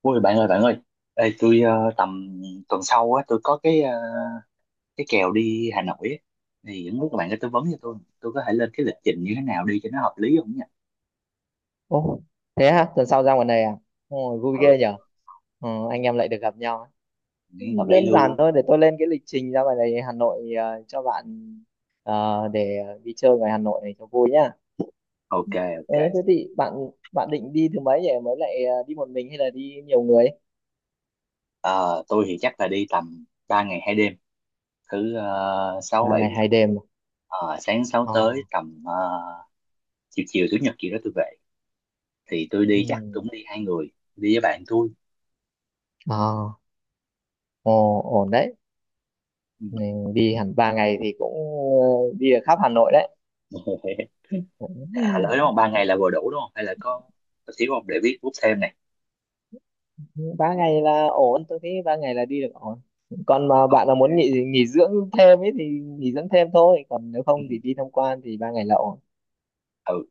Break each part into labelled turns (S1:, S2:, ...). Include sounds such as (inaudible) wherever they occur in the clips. S1: Ôi bạn ơi, bạn ơi! Ê, tôi tầm tuần sau á tôi có cái kèo đi Hà Nội á, thì không biết các bạn có tư vấn cho tôi có thể lên cái lịch trình như thế nào đi cho nó hợp lý không nhỉ?
S2: Ồ, thế hả? Tuần sau ra ngoài này à? Ồ, vui
S1: Ừ,
S2: ghê nhở? Ờ, anh em lại được gặp nhau. Ấy.
S1: nghe hợp lý
S2: Đơn giản
S1: luôn.
S2: thôi, để tôi lên cái lịch trình ra ngoài này Hà Nội cho bạn để đi chơi ngoài Hà Nội này cho vui nhá.
S1: Ok ok.
S2: Ừ, thế thì bạn bạn định đi thứ mấy nhỉ? Mới lại đi một mình hay là đi nhiều người?
S1: Ờ, tôi thì chắc là đi tầm 3 ngày hai đêm, thứ sáu
S2: Ba
S1: bảy.
S2: ngày hai đêm. À?
S1: Ờ, sáng sáu
S2: Ờ,
S1: tới tầm chiều chiều chủ nhật gì đó tôi về, thì tôi đi chắc
S2: ừ,
S1: cũng đi hai người, đi với bạn tôi.
S2: ờ, ồ, ổn đấy.
S1: Ừ.
S2: Mình đi hẳn ba ngày thì cũng ờ, đi được khắp Hà Nội đấy.
S1: (laughs) À, lỡ đúng
S2: (laughs)
S1: không? Ba ngày là vừa đủ đúng không? Hay là có xíu không để viết bút thêm này.
S2: Ba ngày là ổn, tôi thấy ba ngày là đi được ổn. Còn mà
S1: Ok.
S2: bạn là muốn nghỉ nghỉ dưỡng thêm ấy thì nghỉ dưỡng thêm thôi, còn nếu
S1: Ừ.
S2: không thì đi tham quan thì ba ngày là ổn.
S1: Ừ,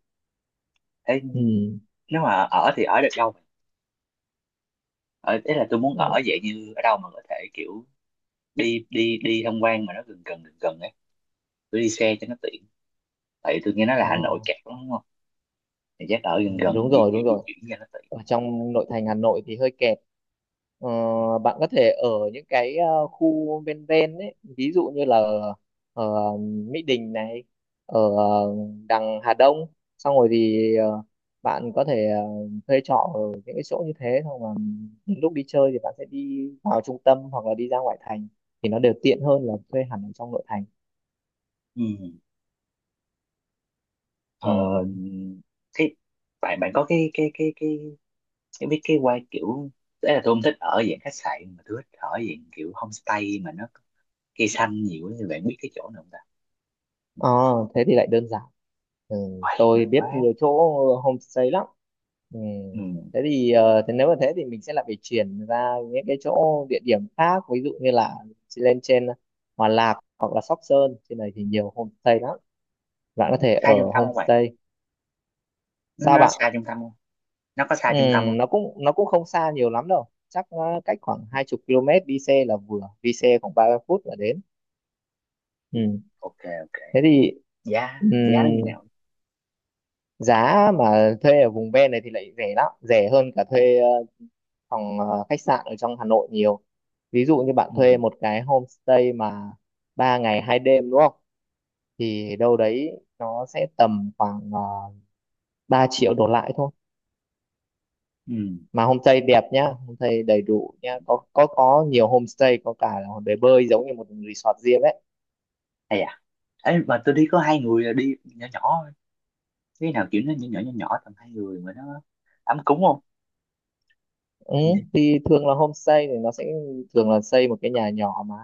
S1: thế
S2: Ừ.
S1: nếu mà ở thì ở được đâu vậy? Ở thế là tôi muốn
S2: Ừ.
S1: ở vậy, như ở đâu mà có thể kiểu đi đi đi tham quan mà nó gần gần ấy, tôi đi xe cho nó tiện, tại vì tôi nghe nói là
S2: Ờ,
S1: Hà Nội kẹt lắm đúng không, thì chắc ở
S2: ừ,
S1: gần
S2: đúng
S1: gần
S2: rồi, đúng
S1: di
S2: rồi,
S1: chuyển cho nó tiện.
S2: ở trong nội thành Hà Nội thì hơi kẹt. Ờ,
S1: Ừ.
S2: bạn có thể ở những cái khu ven ven ấy, ví dụ như là ở Mỹ Đình này, ở đằng Hà Đông, xong rồi thì bạn có thể thuê trọ ở những cái chỗ như thế, xong mà những lúc đi chơi thì bạn sẽ đi vào trung tâm hoặc là đi ra ngoại thành thì nó đều tiện hơn là thuê hẳn ở trong nội thành.
S1: Ừ.
S2: Ừ.
S1: Ờ, thế bạn, bạn có cái cái biết cái quay kiểu đấy, là tôi không thích ở dạng khách sạn mà tôi thích ở dạng kiểu homestay mà nó cây xanh nhiều ấy. Thì bạn biết cái chỗ nào không ta?
S2: Ờ, thế thì lại đơn giản. Ừ,
S1: Uầy,
S2: tôi
S1: được
S2: biết
S1: quá.
S2: nhiều chỗ homestay lắm. Ừ,
S1: Ừ.
S2: thế thì thế nếu mà thế thì mình sẽ lại phải chuyển ra những cái chỗ địa điểm khác, ví dụ như là lên trên Hòa Lạc hoặc là Sóc Sơn, trên này thì nhiều homestay lắm. Bạn có thể
S1: Hai
S2: ở
S1: trung tâm không bạn?
S2: homestay.
S1: nó
S2: Sao
S1: nó
S2: bạn?
S1: xa trung tâm không? Nó có
S2: Ừ,
S1: xa trung tâm không?
S2: nó cũng không xa nhiều lắm đâu. Chắc cách khoảng 20 km đi xe là vừa, đi xe khoảng 30 phút là đến.
S1: Ừ.
S2: Ừ,
S1: Ok ok.
S2: thế thì
S1: Giá
S2: ừ,
S1: giá nó như nào?
S2: giá mà thuê ở vùng ven này thì lại rẻ lắm, rẻ hơn cả thuê phòng khách sạn ở trong Hà Nội nhiều. Ví dụ như bạn
S1: Ừ.
S2: thuê một cái homestay mà ba ngày hai đêm đúng không, thì đâu đấy nó sẽ tầm khoảng uh, 3 triệu đổ lại thôi,
S1: Ừ.
S2: mà homestay đẹp nhá, homestay đầy đủ nhá, có nhiều homestay, có cả là bể bơi giống như một resort riêng đấy.
S1: Hay à. Ấy mà tôi đi có hai người là đi nhỏ nhỏ thôi. Cái nào kiểu nó nhỏ nhỏ tầm hai người mà nó ấm cúng không?
S2: Ừ,
S1: Ừ.
S2: thì thường là homestay thì nó sẽ thường là xây một cái nhà nhỏ, mà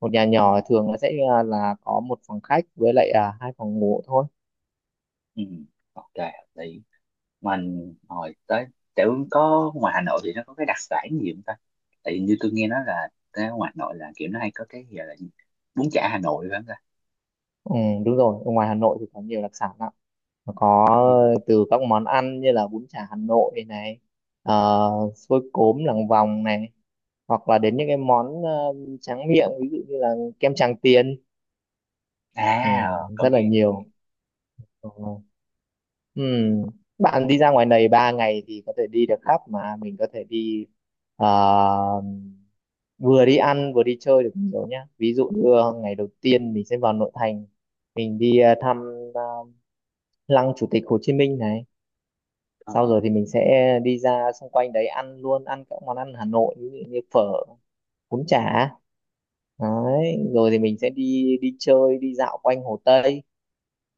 S2: một nhà nhỏ thường là sẽ là có một phòng khách với lại hai phòng ngủ thôi.
S1: Ừ. Ok, thì mình hồi tới, kiểu có ngoài Hà Nội thì nó có cái đặc sản gì không ta? Tại như tôi nghe nói là cái ngoài Hà Nội là kiểu nó hay có cái gì là gì? Bún chả Hà Nội phải không ta?
S2: Ừ, đúng rồi, ở ngoài Hà Nội thì có nhiều đặc sản lắm. Nó có
S1: Ừ.
S2: từ các món ăn như là bún chả Hà Nội này, ờ, xôi cốm làng vòng này, hoặc là đến những cái món tráng miệng, ví dụ như là kem Tràng Tiền. Ừ,
S1: À, ờ, có
S2: rất là
S1: nghe.
S2: nhiều. Ờ, ừ. Bạn đi ra ngoài này 3 ngày thì có thể đi được khắp, mà mình có thể đi ờ, vừa đi ăn vừa đi chơi được nhiều nhá. Ví dụ, ừ, như ngày đầu tiên mình sẽ vào nội thành, mình đi thăm ờ, lăng Chủ tịch Hồ Chí Minh này, sau
S1: ờ
S2: rồi thì mình sẽ đi ra xung quanh đấy ăn luôn, ăn các món ăn Hà Nội ví dụ như phở, bún chả. Đấy rồi thì mình sẽ đi đi chơi đi dạo quanh Hồ Tây.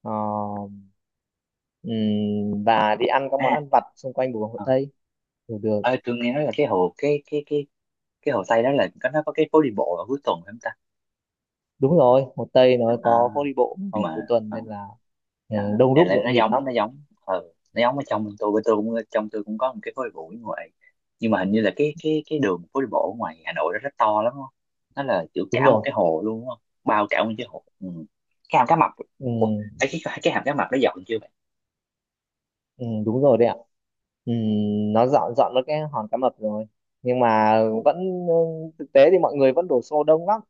S2: Ờ, và đi ăn các
S1: à,
S2: món ăn vặt xung quanh vùng Hồ
S1: ờ,
S2: Tây. Được, được,
S1: Ờ, tôi nghe nói là cái cái hồ Tây đó là có, nó có cái phố đi bộ ở cuối tuần phải không ta?
S2: đúng rồi, Hồ Tây nó
S1: À,
S2: có phố đi bộ
S1: nhưng
S2: vào cuối
S1: mà
S2: tuần nên là, ừ,
S1: à,
S2: đông
S1: này
S2: đúc
S1: là nó
S2: nhộn nhịp
S1: giống,
S2: lắm.
S1: nó giống ở trong tôi, bên tôi cũng, trong tôi cũng có một cái phố đi bộ ở ngoài, nhưng mà hình như là cái đường phố đi bộ ở ngoài Hà Nội đó rất to lắm đúng không? Nó là kiểu
S2: Đúng
S1: cả một cái
S2: rồi.
S1: hồ luôn đúng không? Bao cả một cái hồ. Ừ. Cái hàm cá mập.
S2: Ừ.
S1: Ủa, ấy, cái hàm cá mập nó dọn chưa vậy?
S2: Ừ, đúng rồi đấy ạ. Ừ,
S1: Ừ.
S2: nó dọn dọn nó cái hòn cá mập rồi. Nhưng mà
S1: Ôi,
S2: vẫn thực tế thì mọi người vẫn đổ xô đông lắm.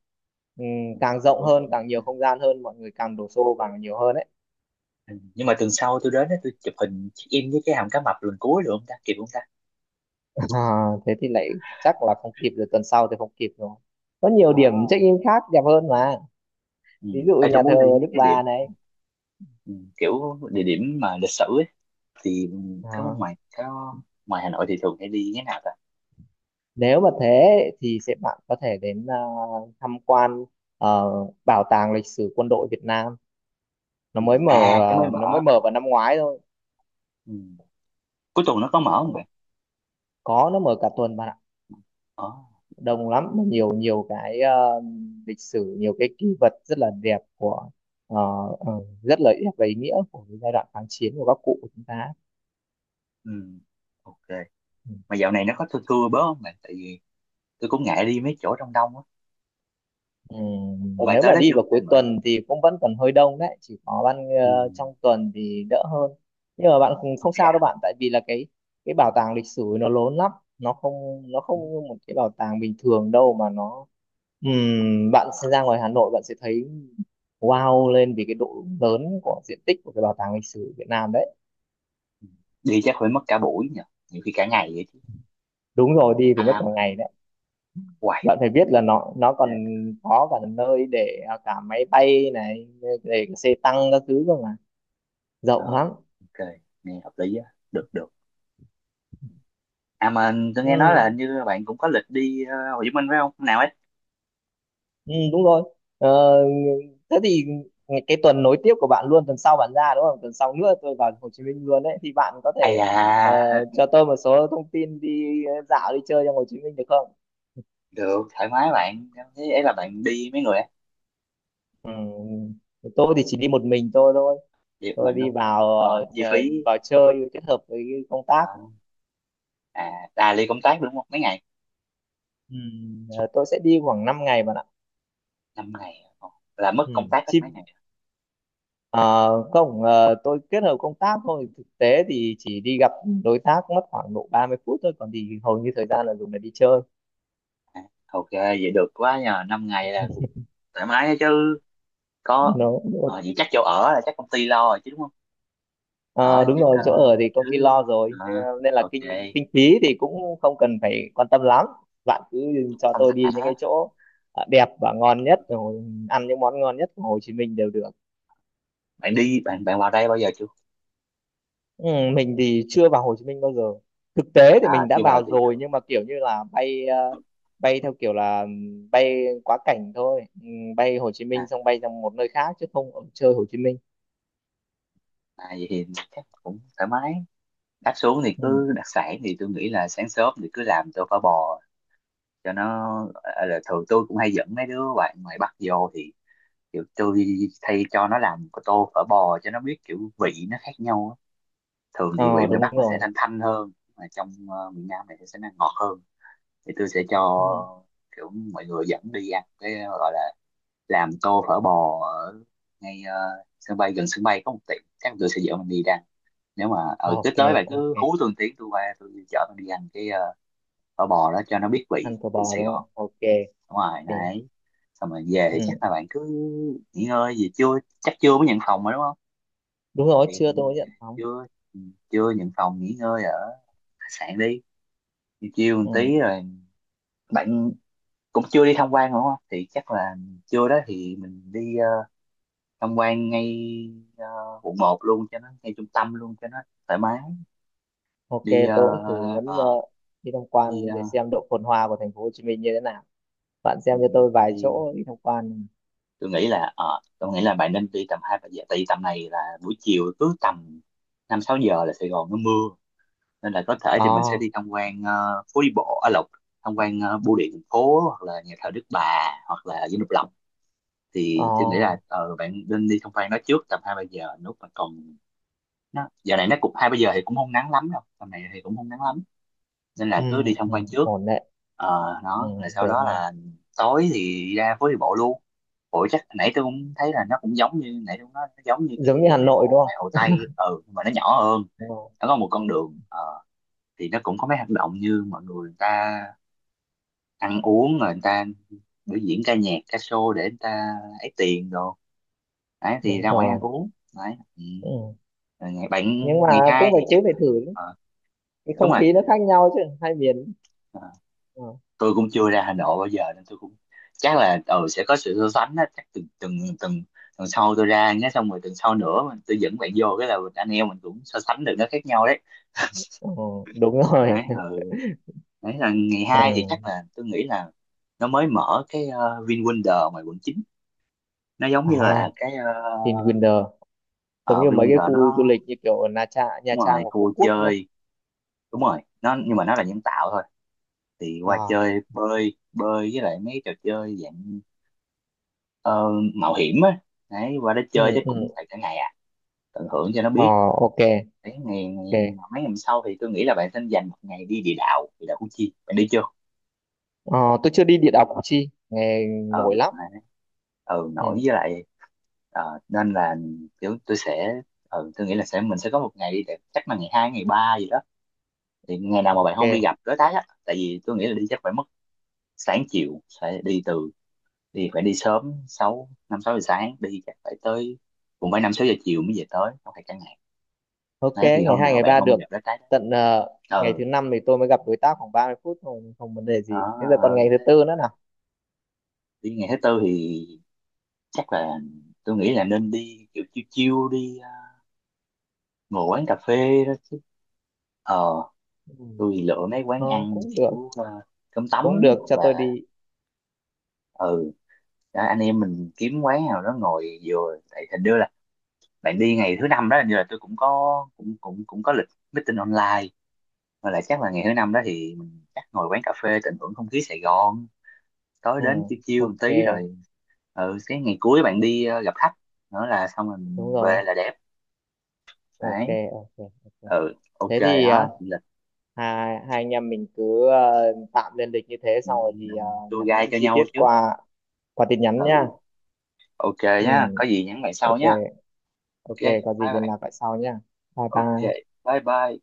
S2: Ừ, càng rộng
S1: vẫn
S2: hơn,
S1: vẫn.
S2: càng nhiều không gian hơn, mọi người càng đổ xô càng nhiều hơn đấy.
S1: Ừ, nhưng mà tuần sau tôi đến á, tôi chụp hình check in với cái hàm cá mập lần cuối được không ta, kịp không ta?
S2: (laughs) À, thế thì lại chắc là không kịp rồi, tuần sau thì không kịp rồi. Có nhiều
S1: Ờ.
S2: điểm check-in khác đẹp hơn mà.
S1: Ừ.
S2: Ví dụ
S1: Ê, tôi
S2: nhà thờ
S1: muốn đi mấy
S2: Đức
S1: cái
S2: Bà
S1: điểm,
S2: này.
S1: ừ, kiểu địa điểm mà lịch sử ấy, thì có
S2: À,
S1: ngoài có, ngoài Hà Nội thì thường hay đi cái nào ta?
S2: nếu mà thế thì sẽ bạn có thể đến, à, tham quan ờ, bảo tàng lịch sử quân đội Việt Nam. Nó
S1: Ừ.
S2: mới mở,
S1: À cái mới
S2: à, nó mới
S1: mở.
S2: mở vào năm ngoái thôi.
S1: Ừ. Cuối tuần nó có mở không mày?
S2: Có, nó mở cả tuần bạn ạ.
S1: Ờ.
S2: Đông lắm, mà nhiều nhiều cái lịch sử, nhiều cái kỷ vật rất là đẹp của ờ, ờ, rất là đẹp và ý nghĩa của cái giai đoạn kháng chiến của các cụ của chúng ta.
S1: Ừ. Ok,
S2: Ừ.
S1: mà dạo này nó có thưa thưa bớt không mày, tại vì tôi cũng ngại đi mấy chỗ đông đông á.
S2: Ừ,
S1: Ủa bạn
S2: nếu
S1: tới
S2: mà
S1: đó
S2: đi
S1: chưa
S2: vào cuối
S1: bạn, bạn.
S2: tuần thì cũng vẫn còn hơi đông đấy, chỉ có
S1: Ừ.
S2: trong tuần thì đỡ hơn. Nhưng mà bạn không không
S1: Dạ.
S2: sao đâu bạn, tại vì là cái bảo tàng lịch sử nó lớn lắm. nó không nó
S1: Ừ.
S2: không như một cái bảo tàng bình thường đâu, mà nó, bạn sẽ ra ngoài Hà Nội bạn sẽ thấy wow lên vì cái độ lớn của diện tích của cái bảo tàng lịch sử Việt Nam đấy.
S1: Đi chắc phải mất cả buổi nhỉ, nhiều khi cả ngày vậy chứ.
S2: Đúng rồi, đi phải mất
S1: À
S2: cả
S1: mà nó
S2: ngày đấy.
S1: hoài.
S2: Bạn phải biết là nó còn có cả nơi để, à, cả máy bay này, để cả xe tăng các thứ cơ mà
S1: Ờ,
S2: rộng lắm.
S1: ok, nghe hợp lý á, được được. À mà tôi nghe nói là
S2: Ừ,
S1: hình như bạn cũng có lịch đi Hồ Chí Minh phải không? Hôm nào ấy?
S2: ừ, đúng rồi, ờ, thế thì cái tuần nối tiếp của bạn luôn, tuần sau bạn ra đúng không, tuần sau nữa tôi vào Hồ Chí Minh luôn đấy, thì bạn có
S1: À
S2: thể ờ,
S1: dạ,
S2: cho
S1: (laughs)
S2: tôi một số thông tin đi dạo đi chơi trong Hồ Chí Minh được không?
S1: được, thoải mái bạn. Thế ấy là bạn đi mấy người á?
S2: Ừ, tôi thì chỉ đi một mình tôi thôi.
S1: Đi một
S2: Tôi
S1: mình
S2: đi
S1: đúng không?
S2: vào
S1: Còn
S2: ờ,
S1: chi phí.
S2: vào chơi kết hợp với cái công tác.
S1: Ờ, à, à đi công tác đúng không? Mấy ngày?
S2: Ừ, tôi sẽ đi khoảng 5 ngày bạn ạ.
S1: Năm ngày. Ờ, là mất
S2: Ừ.
S1: công tác hết
S2: Chi,
S1: mấy ngày.
S2: ờ, không, tôi kết hợp công tác thôi, thực tế thì chỉ đi gặp đối tác mất khoảng độ 30 phút thôi, còn thì hầu như thời gian là dùng để đi chơi.
S1: À, à, ok, vậy được quá nhờ. Năm ngày là cũng thoải mái đó chứ. Có.
S2: nó
S1: Ờ, vậy chắc chỗ ở là chắc công ty lo rồi chứ đúng không? Ở
S2: ờ,
S1: thì
S2: đúng
S1: chắc
S2: rồi, chỗ ở thì công ty
S1: cứ.
S2: lo rồi.
S1: ờ,
S2: Thế nên là
S1: ok,
S2: kinh kinh phí thì cũng không cần phải quan tâm lắm. Bạn cứ
S1: cũng
S2: cho
S1: thông
S2: tôi
S1: thả.
S2: đi những cái chỗ đẹp và ngon nhất rồi, ăn những món ngon nhất của Hồ Chí Minh đều được.
S1: Bạn đi, bạn bạn vào đây bao giờ chưa?
S2: Ừ, mình thì chưa vào Hồ Chí Minh bao giờ. Thực tế thì
S1: À,
S2: mình đã
S1: chưa vào
S2: vào
S1: thì
S2: rồi,
S1: được.
S2: nhưng mà kiểu như là bay theo kiểu là bay quá cảnh thôi. Bay Hồ Chí Minh
S1: À,
S2: xong bay sang một nơi khác chứ không ở chơi Hồ Chí Minh.
S1: à, vậy thì chắc cũng thoải mái, đặt xuống thì
S2: Ừ.
S1: cứ đặc sản thì tôi nghĩ là sáng sớm thì cứ làm tô phở bò cho nó, à, là thường tôi cũng hay dẫn mấy đứa bạn ngoài Bắc vô thì kiểu tôi thay cho nó làm cái tô phở bò cho nó biết kiểu vị nó khác nhau á. Thường thì vị
S2: Ờ,
S1: ngoài
S2: đúng
S1: Bắc nó sẽ
S2: rồi.
S1: thanh thanh hơn, mà trong miền Nam này sẽ nó ngọt hơn, thì tôi sẽ
S2: Ừ.
S1: cho kiểu mọi người dẫn đi ăn cái gọi là làm tô phở bò ở ngay sân bay, gần sân bay có một tiệm, chắc tôi sẽ dẫn mình đi ra. Nếu mà ở tới
S2: Ok,
S1: tới bạn
S2: ok.
S1: cứ hú tôi một tiếng, tôi qua tôi chở bạn đi ăn phở bò đó cho nó biết vị
S2: Ăn phở
S1: vị
S2: bò
S1: Sài
S2: đúng
S1: Gòn.
S2: không? Ok.
S1: Đúng rồi
S2: Ok.
S1: này. Xong rồi về thì
S2: Ừ.
S1: chắc là bạn cứ nghỉ ngơi gì chưa, chắc chưa, mới nhận phòng mà đúng không,
S2: Đúng rồi,
S1: thì ừ,
S2: chưa, tôi mới nhận phòng.
S1: chưa, ừ, chưa nhận phòng, nghỉ ngơi ở khách sạn đi, chiều chiều một
S2: Ừ.
S1: tí rồi bạn cũng chưa đi tham quan đúng không, thì chắc là trưa đó thì mình đi tham quan ngay ờ, quận một luôn, cho nó ngay trung tâm luôn cho nó thoải mái.
S2: Ok,
S1: đi ờ,
S2: tôi cũng thử muốn
S1: ờ,
S2: đi tham
S1: đi
S2: quan
S1: ờ,
S2: để xem độ phồn hoa của thành phố Hồ Chí Minh như thế nào. Bạn
S1: ừ,
S2: xem cho tôi vài
S1: Đi,
S2: chỗ đi tham quan.
S1: tôi nghĩ là ờ, tôi nghĩ là bạn nên đi tầm hai ba giờ, tại vì tầm này là buổi chiều, cứ tầm năm sáu giờ là Sài Gòn nó mưa, nên là có thể thì mình sẽ
S2: Ồ.
S1: đi tham quan phố đi bộ ở Lộc, tham quan bưu điện thành phố hoặc là nhà thờ Đức Bà, hoặc là Dinh Độc Lập. Thì tôi nghĩ là
S2: Ồ.
S1: bạn nên đi tham quan nó trước tầm hai ba giờ lúc mà còn, nó giờ này nó cũng hai ba giờ thì cũng không nắng lắm đâu, tầm này thì cũng không nắng lắm, nên
S2: Ừ,
S1: là cứ đi tham
S2: ừ,
S1: quan trước.
S2: ổn đấy.
S1: Ờ,
S2: Ừ,
S1: đó rồi sau
S2: được
S1: đó
S2: rồi,
S1: là tối thì ra phố đi bộ luôn. Ủa chắc nãy tôi cũng thấy là nó cũng giống như nãy tôi nói, nó giống như
S2: giống như
S1: cái
S2: Hà
S1: phố đi
S2: Nội
S1: bộ
S2: đúng
S1: ngoài
S2: không?
S1: Hồ Tây, ừ, nhưng mà nó nhỏ hơn.
S2: Đúng rồi,
S1: Nó có một con đường thì nó cũng có mấy hoạt động như mọi người, người ta ăn uống rồi người ta biểu diễn ca nhạc ca show để người ta ấy tiền đồ, đấy thì
S2: đúng
S1: ra ngoài ăn
S2: rồi.
S1: uống. Đấy. Ừ.
S2: Ừ.
S1: Rồi ngày bạn,
S2: Nhưng mà
S1: ngày hai
S2: cũng phải
S1: thì
S2: cứ
S1: chắc,
S2: phải thử
S1: ờ,
S2: cái
S1: đúng
S2: không
S1: rồi.
S2: khí nó khác nhau chứ, hai miền.
S1: Ờ,
S2: Ừ.
S1: tôi cũng chưa ra Hà Nội bao giờ nên tôi cũng, chắc là ừ, sẽ có sự so sánh đó, chắc từng từng từng tuần sau tôi ra nhé, xong rồi tuần sau nữa mình tôi dẫn bạn vô, cái là mình- anh em mình cũng so sánh được nó khác nhau đấy.
S2: Ừ, đúng rồi.
S1: Đấy, ừ. Đấy là ngày
S2: (laughs)
S1: hai thì chắc
S2: Ừ.
S1: là tôi nghĩ là nó mới mở cái VinWonder ngoài quận chín, nó giống như
S2: À,
S1: là cái
S2: Vinwonder giống như mấy cái
S1: VinWonder
S2: khu du
S1: nó,
S2: lịch như kiểu ở Nha Trang, Nha
S1: đúng
S2: Trang
S1: rồi
S2: và Phú
S1: khu
S2: Quốc đúng không?
S1: chơi, đúng rồi nó nhưng mà nó là nhân tạo thôi, thì qua
S2: À.
S1: chơi bơi bơi với lại mấy trò chơi dạng ờ, mạo hiểm á. Đấy qua đó
S2: Ừ.
S1: chơi chắc cũng
S2: Ừ.
S1: phải cả ngày à, tận hưởng cho nó
S2: Ờ.
S1: biết.
S2: Ok.
S1: Đấy ngày, ngày
S2: Ok.
S1: mấy, ngày sau thì tôi nghĩ là bạn nên dành một ngày đi địa đạo, địa đạo Củ Chi bạn đi chưa?
S2: Ờ, tôi chưa đi địa đạo Củ Chi, nghe nổi
S1: Ừ
S2: lắm.
S1: đấy. Ừ nổi
S2: Ừ.
S1: với lại, ờ, nên là kiểu tôi sẽ, ừ, tôi nghĩ là sẽ mình sẽ có một ngày đi, để chắc là ngày hai ngày ba gì đó, thì ngày nào mà bạn không đi
S2: Ok.
S1: gặp đối tác á, tại vì tôi nghĩ là đi chắc phải mất sáng chiều, phải đi từ, đi phải đi sớm sáu, năm sáu giờ sáng đi chắc phải tới, cũng phải năm sáu giờ chiều mới về tới, không thể cả ngày.
S2: Ok,
S1: Đấy thì
S2: ngày
S1: hôm
S2: 2
S1: nào
S2: ngày
S1: bạn
S2: 3
S1: không bao
S2: được.
S1: giờ lá trái đó.
S2: Tận ngày
S1: Ừ
S2: thứ năm thì tôi mới gặp đối tác khoảng 30 phút, không, không vấn đề gì.
S1: đó.
S2: Bây giờ còn
S1: Ừ.
S2: ngày thứ
S1: Thế-
S2: tư nữa nào.
S1: đi ngày thứ tư thì chắc là tôi nghĩ là nên đi kiểu chiêu chiêu đi ngồi quán cà phê đó. Ờ
S2: Ừ.
S1: tôi thì lựa mấy quán
S2: Ờ,
S1: ăn kiểu ờ, cơm
S2: cũng
S1: tấm
S2: được,
S1: hoặc
S2: cho tôi
S1: là
S2: đi.
S1: ừ đó, anh em mình kiếm quán nào đó ngồi, vừa tại hình như là bạn đi ngày thứ năm đó, hình như là tôi cũng có cũng cũng cũng có lịch meeting online, và là chắc là ngày thứ năm đó thì mình chắc ngồi quán cà phê tận hưởng không khí Sài Gòn, tối
S2: Ừ,
S1: đến chiêu chiêu một
S2: ok,
S1: tí rồi ừ cái ngày cuối bạn đi gặp khách nữa là xong rồi
S2: đúng
S1: mình
S2: rồi.
S1: về là đẹp.
S2: Ok,
S1: Đấy.
S2: ok, ok.
S1: Ừ ok
S2: Thế thì
S1: đó lịch,
S2: hai anh em mình cứ tạm lên lịch như thế,
S1: ừ,
S2: xong rồi thì
S1: tour guide
S2: nhắn
S1: cho
S2: chi tiết
S1: nhau trước.
S2: qua tin nhắn nha.
S1: Ừ ok nhá,
S2: Ừ,
S1: có gì nhắn lại sau
S2: ok,
S1: nhá. Ok
S2: ok,
S1: bye
S2: có gì liên
S1: bạn.
S2: lạc lại sau nha. Bye
S1: Ok
S2: bye.
S1: bye bye.